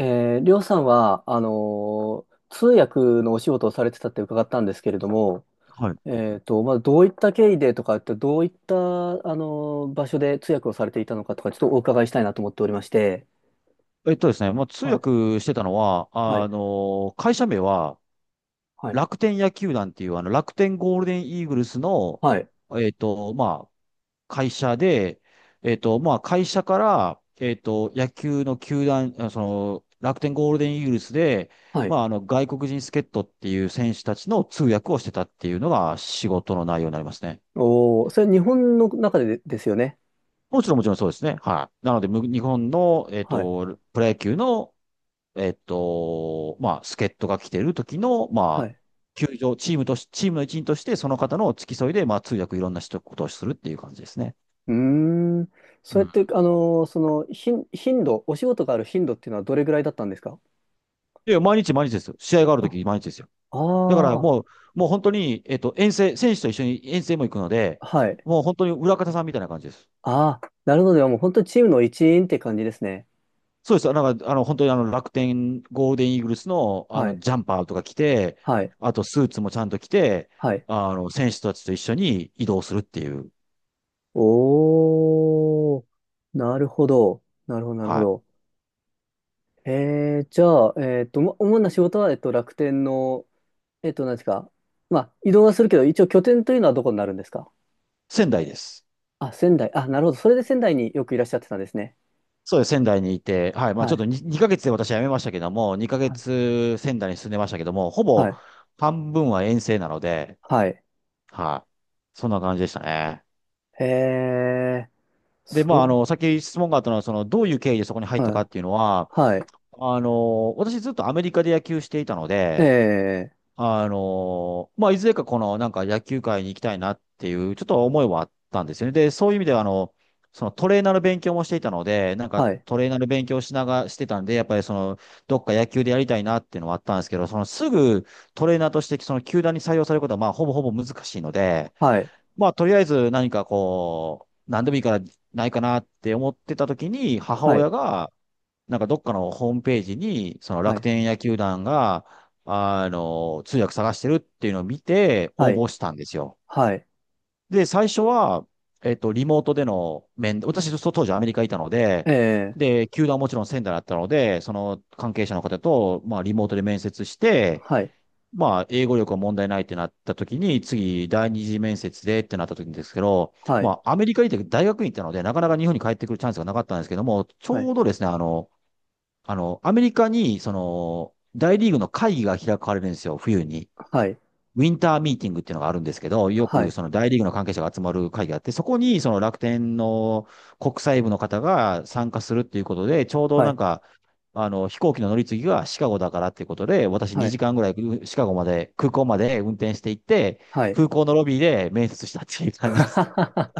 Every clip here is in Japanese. りょうさんは、通訳のお仕事をされてたって伺ったんですけれども、はい。まあ、どういった経緯でとかって、どういった場所で通訳をされていたのかとか、ちょっとお伺いしたいなと思っておりまして。えっとですね、まあ、通はい、訳してたのは、はい、会社名ははい、楽天野球団っていう、楽天ゴールデンイーグルスの、はい、まあ、会社で、まあ、会社から、野球の球団、その、楽天ゴールデンイーグルスで、はまい。あ、外国人助っ人っていう選手たちの通訳をしてたっていうのが仕事の内容になりますね。おー、それ日本の中でですよね。もちろん、もちろんそうですね。はい。なので、日本の、はい、プロ野球の、まあ、助っ人が来てる時の、はまあ、い。球場、チームの一員として、その方の付き添いで、まあ、通訳いろんなことをするっていう感じですね。うーん。うそれっん。て、その頻度、お仕事がある頻度っていうのはどれぐらいだったんですか？で、毎日毎日ですよ。試合があるあ時毎日ですよ。だからあー、もう、もう本当に、遠征、選手と一緒に遠征も行くので、はい。もう本当に裏方さんみたいな感じです。ああ、なるほど。でももう本当にチームの一員って感じですね。そうです。なんか、本当に楽天、ゴールデンイーグルスの、はい。ジャンパーとか着て、はい。あと、スーツもちゃんと着て、はい。選手たちと一緒に移動するっていう、おー。なるほど。なるほど、なるほはい。ど。えー、じゃあ、えっと、ま主な仕事は、えっと、楽天の、えっと、何ですか。まあ、移動はするけど、一応拠点というのはどこになるんですか？仙台です。あ、仙台。あ、なるほど。それで仙台によくいらっしゃってたんですね。そうです。仙台にいて、はい。まあはちょっい。と 2ヶ月で私は辞めましたけども、2ヶはい。月仙台に住んでましたけども、ほはぼい。半分は遠征なので、はい。はい。そんな感じでしたね。えー、で、まああその、さっき質問があったのは、その、どういう経緯でそこに入う。ったはかい。っていうのは、はい。私ずっとアメリカで野球していたので、えまあ、いずれかこのなんか野球界に行きたいなっていう、ちょっと思いはあったんですよね。で、そういう意味では、そのトレーナーの勉強もしていたので、なんー、かはい。トレーナーの勉強しながらしてたんで、やっぱりその、どっか野球でやりたいなっていうのはあったんですけど、そのすぐトレーナーとしてその球団に採用されることはまあほぼほぼ難しいので、はい。まあとりあえず何かこう、何でもいいからないかなって思ってた時に、母はい。親が、なんかどっかのホームページに、そのは楽い。天野球団が、通訳探してるっていうのを見て、は応い。募したんですよ。はい。で、最初は、リモートでの私、当時アメリカにいたので、ええ、で、球団はもちろん仙台だったので、その関係者の方と、まあ、リモートで面接して、はい。まあ、英語力は問題ないってなった時に、次、第二次面接でってなった時にですけど、はい。まあ、アメリカに行って大学に行ったので、なかなか日本に帰ってくるチャンスがなかったんですけども、ちはい。ょうどですね、アメリカに、その、大リーグの会議が開かれるんですよ、冬に。はい。ウィンターミーティングっていうのがあるんですけど、よはくい。その大リーグの関係者が集まる会議があって、そこにその楽天の国際部の方が参加するっていうことで、ちょうどはなんい。か、飛行機の乗り継ぎがシカゴだからっていうことで、私は2い。時間ぐらいシカゴまで、空港まで運転していって、はい。空港のロビーで面接したっていう 感はじではす。はは。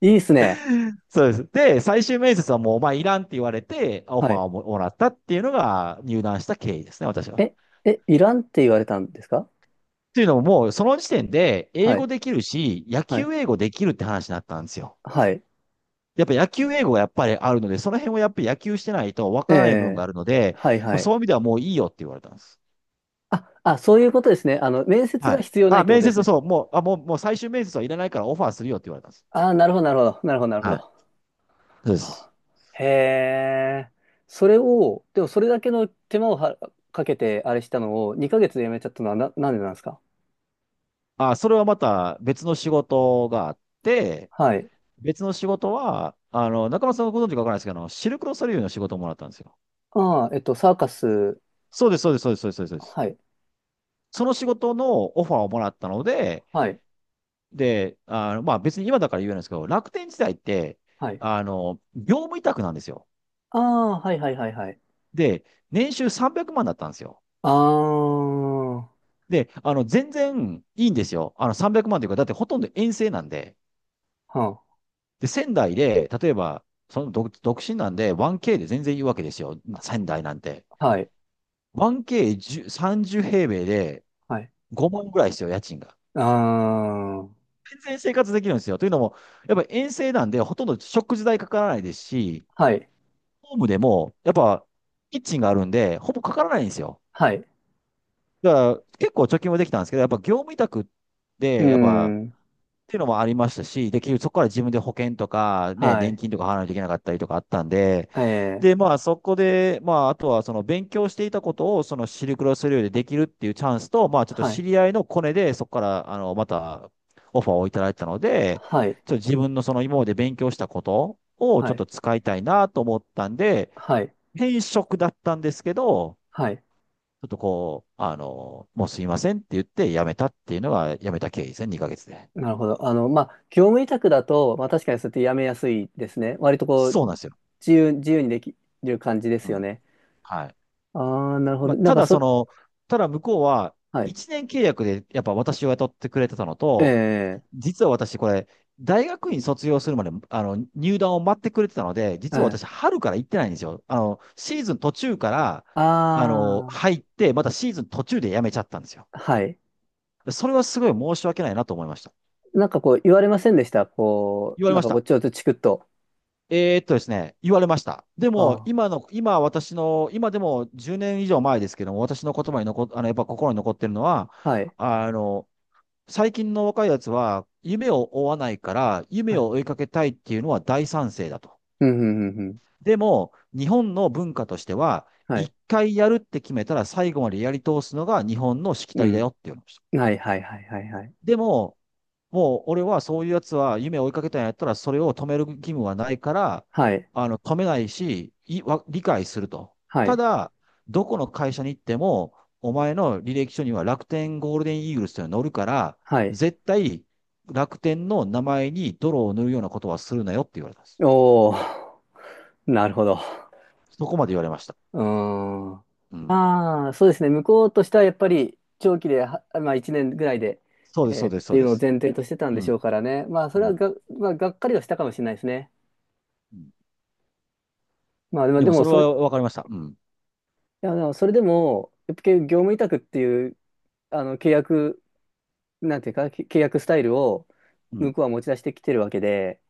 いいっすね。そうです。で、最終面接はもうお前いらんって言われて、オフはァーい。をもらったっていうのが入団した経緯ですね、私は。え、え、いらんって言われたんですか？っていうのももうその時点で英は語い。できるし、野はい。球英語できるって話になったんですよ。はい。やっぱ野球英語がやっぱりあるので、その辺をやっぱり野球してないとわえからない部分がえ、あるので、はい。はそい。ういう意味ではもういいよって言われたんです。あ、あ、そういうことですね。あの、面接はがい。必要ないっあ、てこ面とで接すはね。そう、もう、あ、もう、もう最終面接はいらないからオファーするよって言われたんです。ああ、なるほど、なるほど。なるほど、なるほはい。ど。そうです。へえ。それを、でもそれだけの手間をかけて、あれしたのを2ヶ月でやめちゃったのはなんでなんですか？あ、それはまた別の仕事があって、はい。別の仕事は、中村さんご存知かわからないですけど、あのシルクロソリューの仕事をもらったんですよ。ああ、えっと、サーカス。そうです、そうです、そうです、そうです、そうです。はい。その仕事のオファーをもらったので、はい。で、まあ別に今だから言えないんですけど、楽天時代って、はい。業務委託なんですよ。ああ、はいはいはいはい。で、年収300万だったんですよ。ああ、はで、全然いいんですよ。300万というか、だってほとんど遠征なんで。あ、で、仙台で、例えば、その独身なんで 1K で全然いいわけですよ。仙台なんて。はい。1K30 平米ではい。5万ぐらいですよ、家賃が。ああ、は全然生活できるんですよ。というのも、やっぱ遠征なんで、ほとんど食事代かからないですし、い。ホームでも、やっぱ、キッチンがあるんで、ほぼかからないんですよ。はい。だから、結構貯金もできたんですけど、やっぱ業務委託うーで、やっぱ、っん。ていうのもありましたし、できる、結局そこから自分で保険とか、ね、は年い。金とか払わないといけなかったりとかあったんで、ええ、で、まあ、そこで、まあ、あとは、その、勉強していたことを、その、シルクロス領でできるっていうチャンスと、まあ、ちょっとは知い。り合いのコネで、そこから、また、オファーをいただいたので、はい。ちょっと自分のその、今まで勉強したことを、ちょはっい。と使いたいなと思ったんで、はい。転職だったんですけど、はい。ちょっとこう、もうすいませんって言って辞めたっていうのが辞めた経緯ですね、2ヶ月で。なるほど。あの、まあ、業務委託だと、まあ、確かにそうやってやめやすいですね。割とこう、そうなんですよ。自由、自由にできる感じでうすよん。ね。はい。ああ、なるほまど。あ、なんたかだそそ、の、ただ向こうははい。1年契約でやっぱ私を雇ってくれてたのえと、え、実は私これ、大学院卒業するまで、入団を待ってくれてたので、え実はえ。私春から行ってないんですよ。シーズン途中から、あ入って、またシーズン途中で辞めちゃったんですよ。あ、はい。それはすごい申し訳ないなと思いました。なんかこう言われませんでした？こ言わう、れなんましかこうた。ちょっとチクッと。ですね、言われました。であも、今の、今私の、今でも10年以上前ですけども、私の言葉にやっぱ心に残ってるのは、あ、はい、あの、最近の若いやつは、夢を追わないから、は夢をい。追いかけたいっていうのは大賛成だと。うん、うん、うん、うん。でも、日本の文化としては、は一い、回やるって決めたら最後までやり通すのが日本のしきうたりだん。よっていうのでした。はい、はい、はい、はい、はい。でも、もう俺はそういうやつは夢を追いかけたんやったら、それを止める義務はないから、はい、止めないし、理解すると。はたい、だ、どこの会社に行っても、お前の履歴書には楽天ゴールデンイーグルスというのが載るから、はい。絶対楽天の名前に泥を塗るようなことはするなよって言われたんです。おー、なるほど。そこまで言われました。うーん。うん。まあ、そうですね。向こうとしてはやっぱり長期で、はまあ1年ぐらいで、そうです、そえーうっです、そてういうでのをす。前提としてたんうでしょん。うからね。まあ、そうれはん。が、まあ、がっかりはしたかもしれないですね。うん。まあ、でも、ででももそれそれ、いはわかりました。うん。や、でもそれでも、やっぱり業務委託っていう、契約なんていうか、け契約スタイルをう向ん。こうは持ち出してきてるわけで、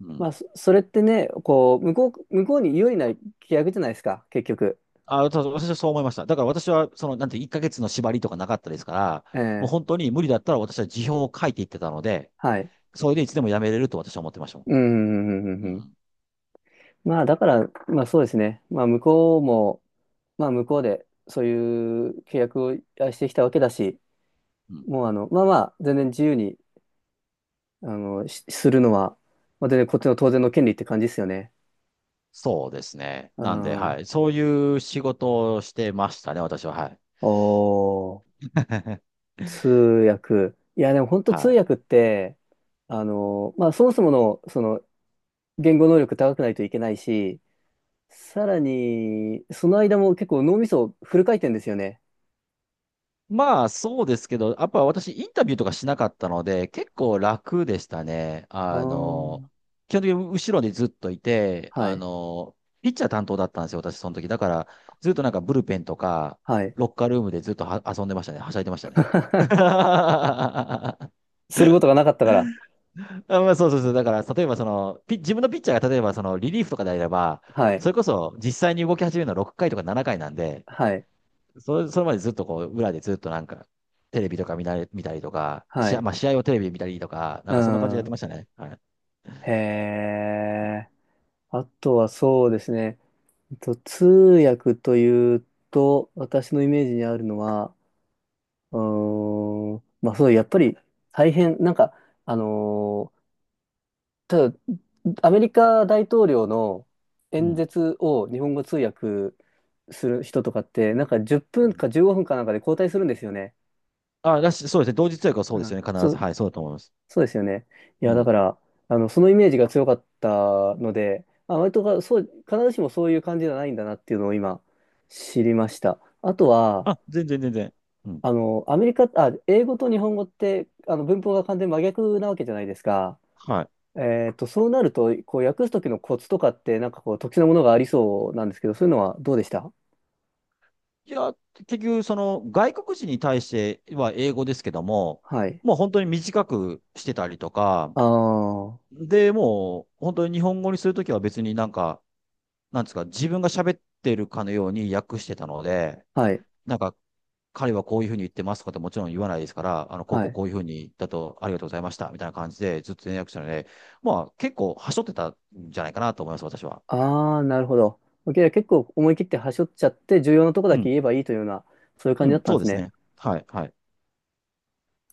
うん。それってね、向こうに有利な契約じゃないですか、結局。あ、ただ私はそう思いました。だから私は、その、なんて、1ヶ月の縛りとかなかったですから、えもうえ、本当に無理だったら私は辞表を書いていってたので、はい。それでいつでも辞めれると私は思ってましたもん。うん、うん、うん、うんううん。ん。まあ、だから、まあそうですね。まあ、向こうも、まあ、向こうで、そういう契約をしてきたわけだし、うん。もう、あの、まあまあ、全然自由にするのは、まあ、全然こっちの当然の権利って感じですよね。そうですね。うなんで、ん。はい。そういう仕事をしてましたね、私は。はい。おー。通訳。いや、でも本当通はい。訳って、あの、まあ、そもそもの、その、言語能力高くないといけないし、さらに、その間も結構脳みそフル回転ですよね。まあ、そうですけど、やっぱ私、インタビューとかしなかったので、結構楽でしたね。ああ、基本的に後ろにずっといて、はい、ピッチャー担当だったんですよ、私、その時。だから、ずっとなんかブルペンとか、はい。ロッカールームでずっとは遊んでましたね。はしゃいでましたね。あ、することがなかったから。まあ、そうそうそう。だから、例えばその、自分のピッチャーが例えばそのリリーフとかであれば、はい、それこそ実際に動き始めるのは6回とか7回なんで、はい、それまでずっとこう、裏でずっとなんか、テレビとか見なれ、見たりとか、は試合、い。まあ試合をテレビで見たりとか、なんうかそんな感じでやってん。ましたね。はい。へえ。あとはそうですね。通訳というと、私のイメージにあるのは、うーん。まあそう、やっぱり大変、なんか、あのーただ、アメリカ大統領のう演ん。説を日本語通訳する人とかって、なんか10う分ん。か15分かなんかで交代するんですよね。あ、だし、そうですね。同時通訳はそうでうすん。よね。必そず。う、はい、そうだと思います。そうですよね。いや、うだかん。ら、あの、そのイメージが強かったので、まあ、割とか、そう、必ずしもそういう感じじゃないんだなっていうのを今、知りました。あとは、あ、全然全然。うん。あの、アメリカ、あ、英語と日本語って、あの、文法が完全に真逆なわけじゃないですか。はえっと、そうなると、こう、訳すときのコツとかって、なんかこう、特殊なものがありそうなんですけど、そういうのはどうでした？い。いや、結局、その、外国人に対しては英語ですけども、はい。もう本当に短くしてたりとか、ああ、はで、もう、本当に日本語にするときは別になんか、なんですか、自分が喋ってるかのように訳してたので、い、なんか、彼はこういうふうに言ってますとかってもちろん言わないですから、こうはこうい。こういうふうにだとありがとうございました、みたいな感じでずっと連絡したので、まあ結構はしょってたんじゃないかなと思います、私は。ああ、なるほど。OK、 結構思い切って端折っちゃって、重要なとこだうけん。言えばいいというような、そういう感うじだっん、たんそうですですね。ね。はい、はい。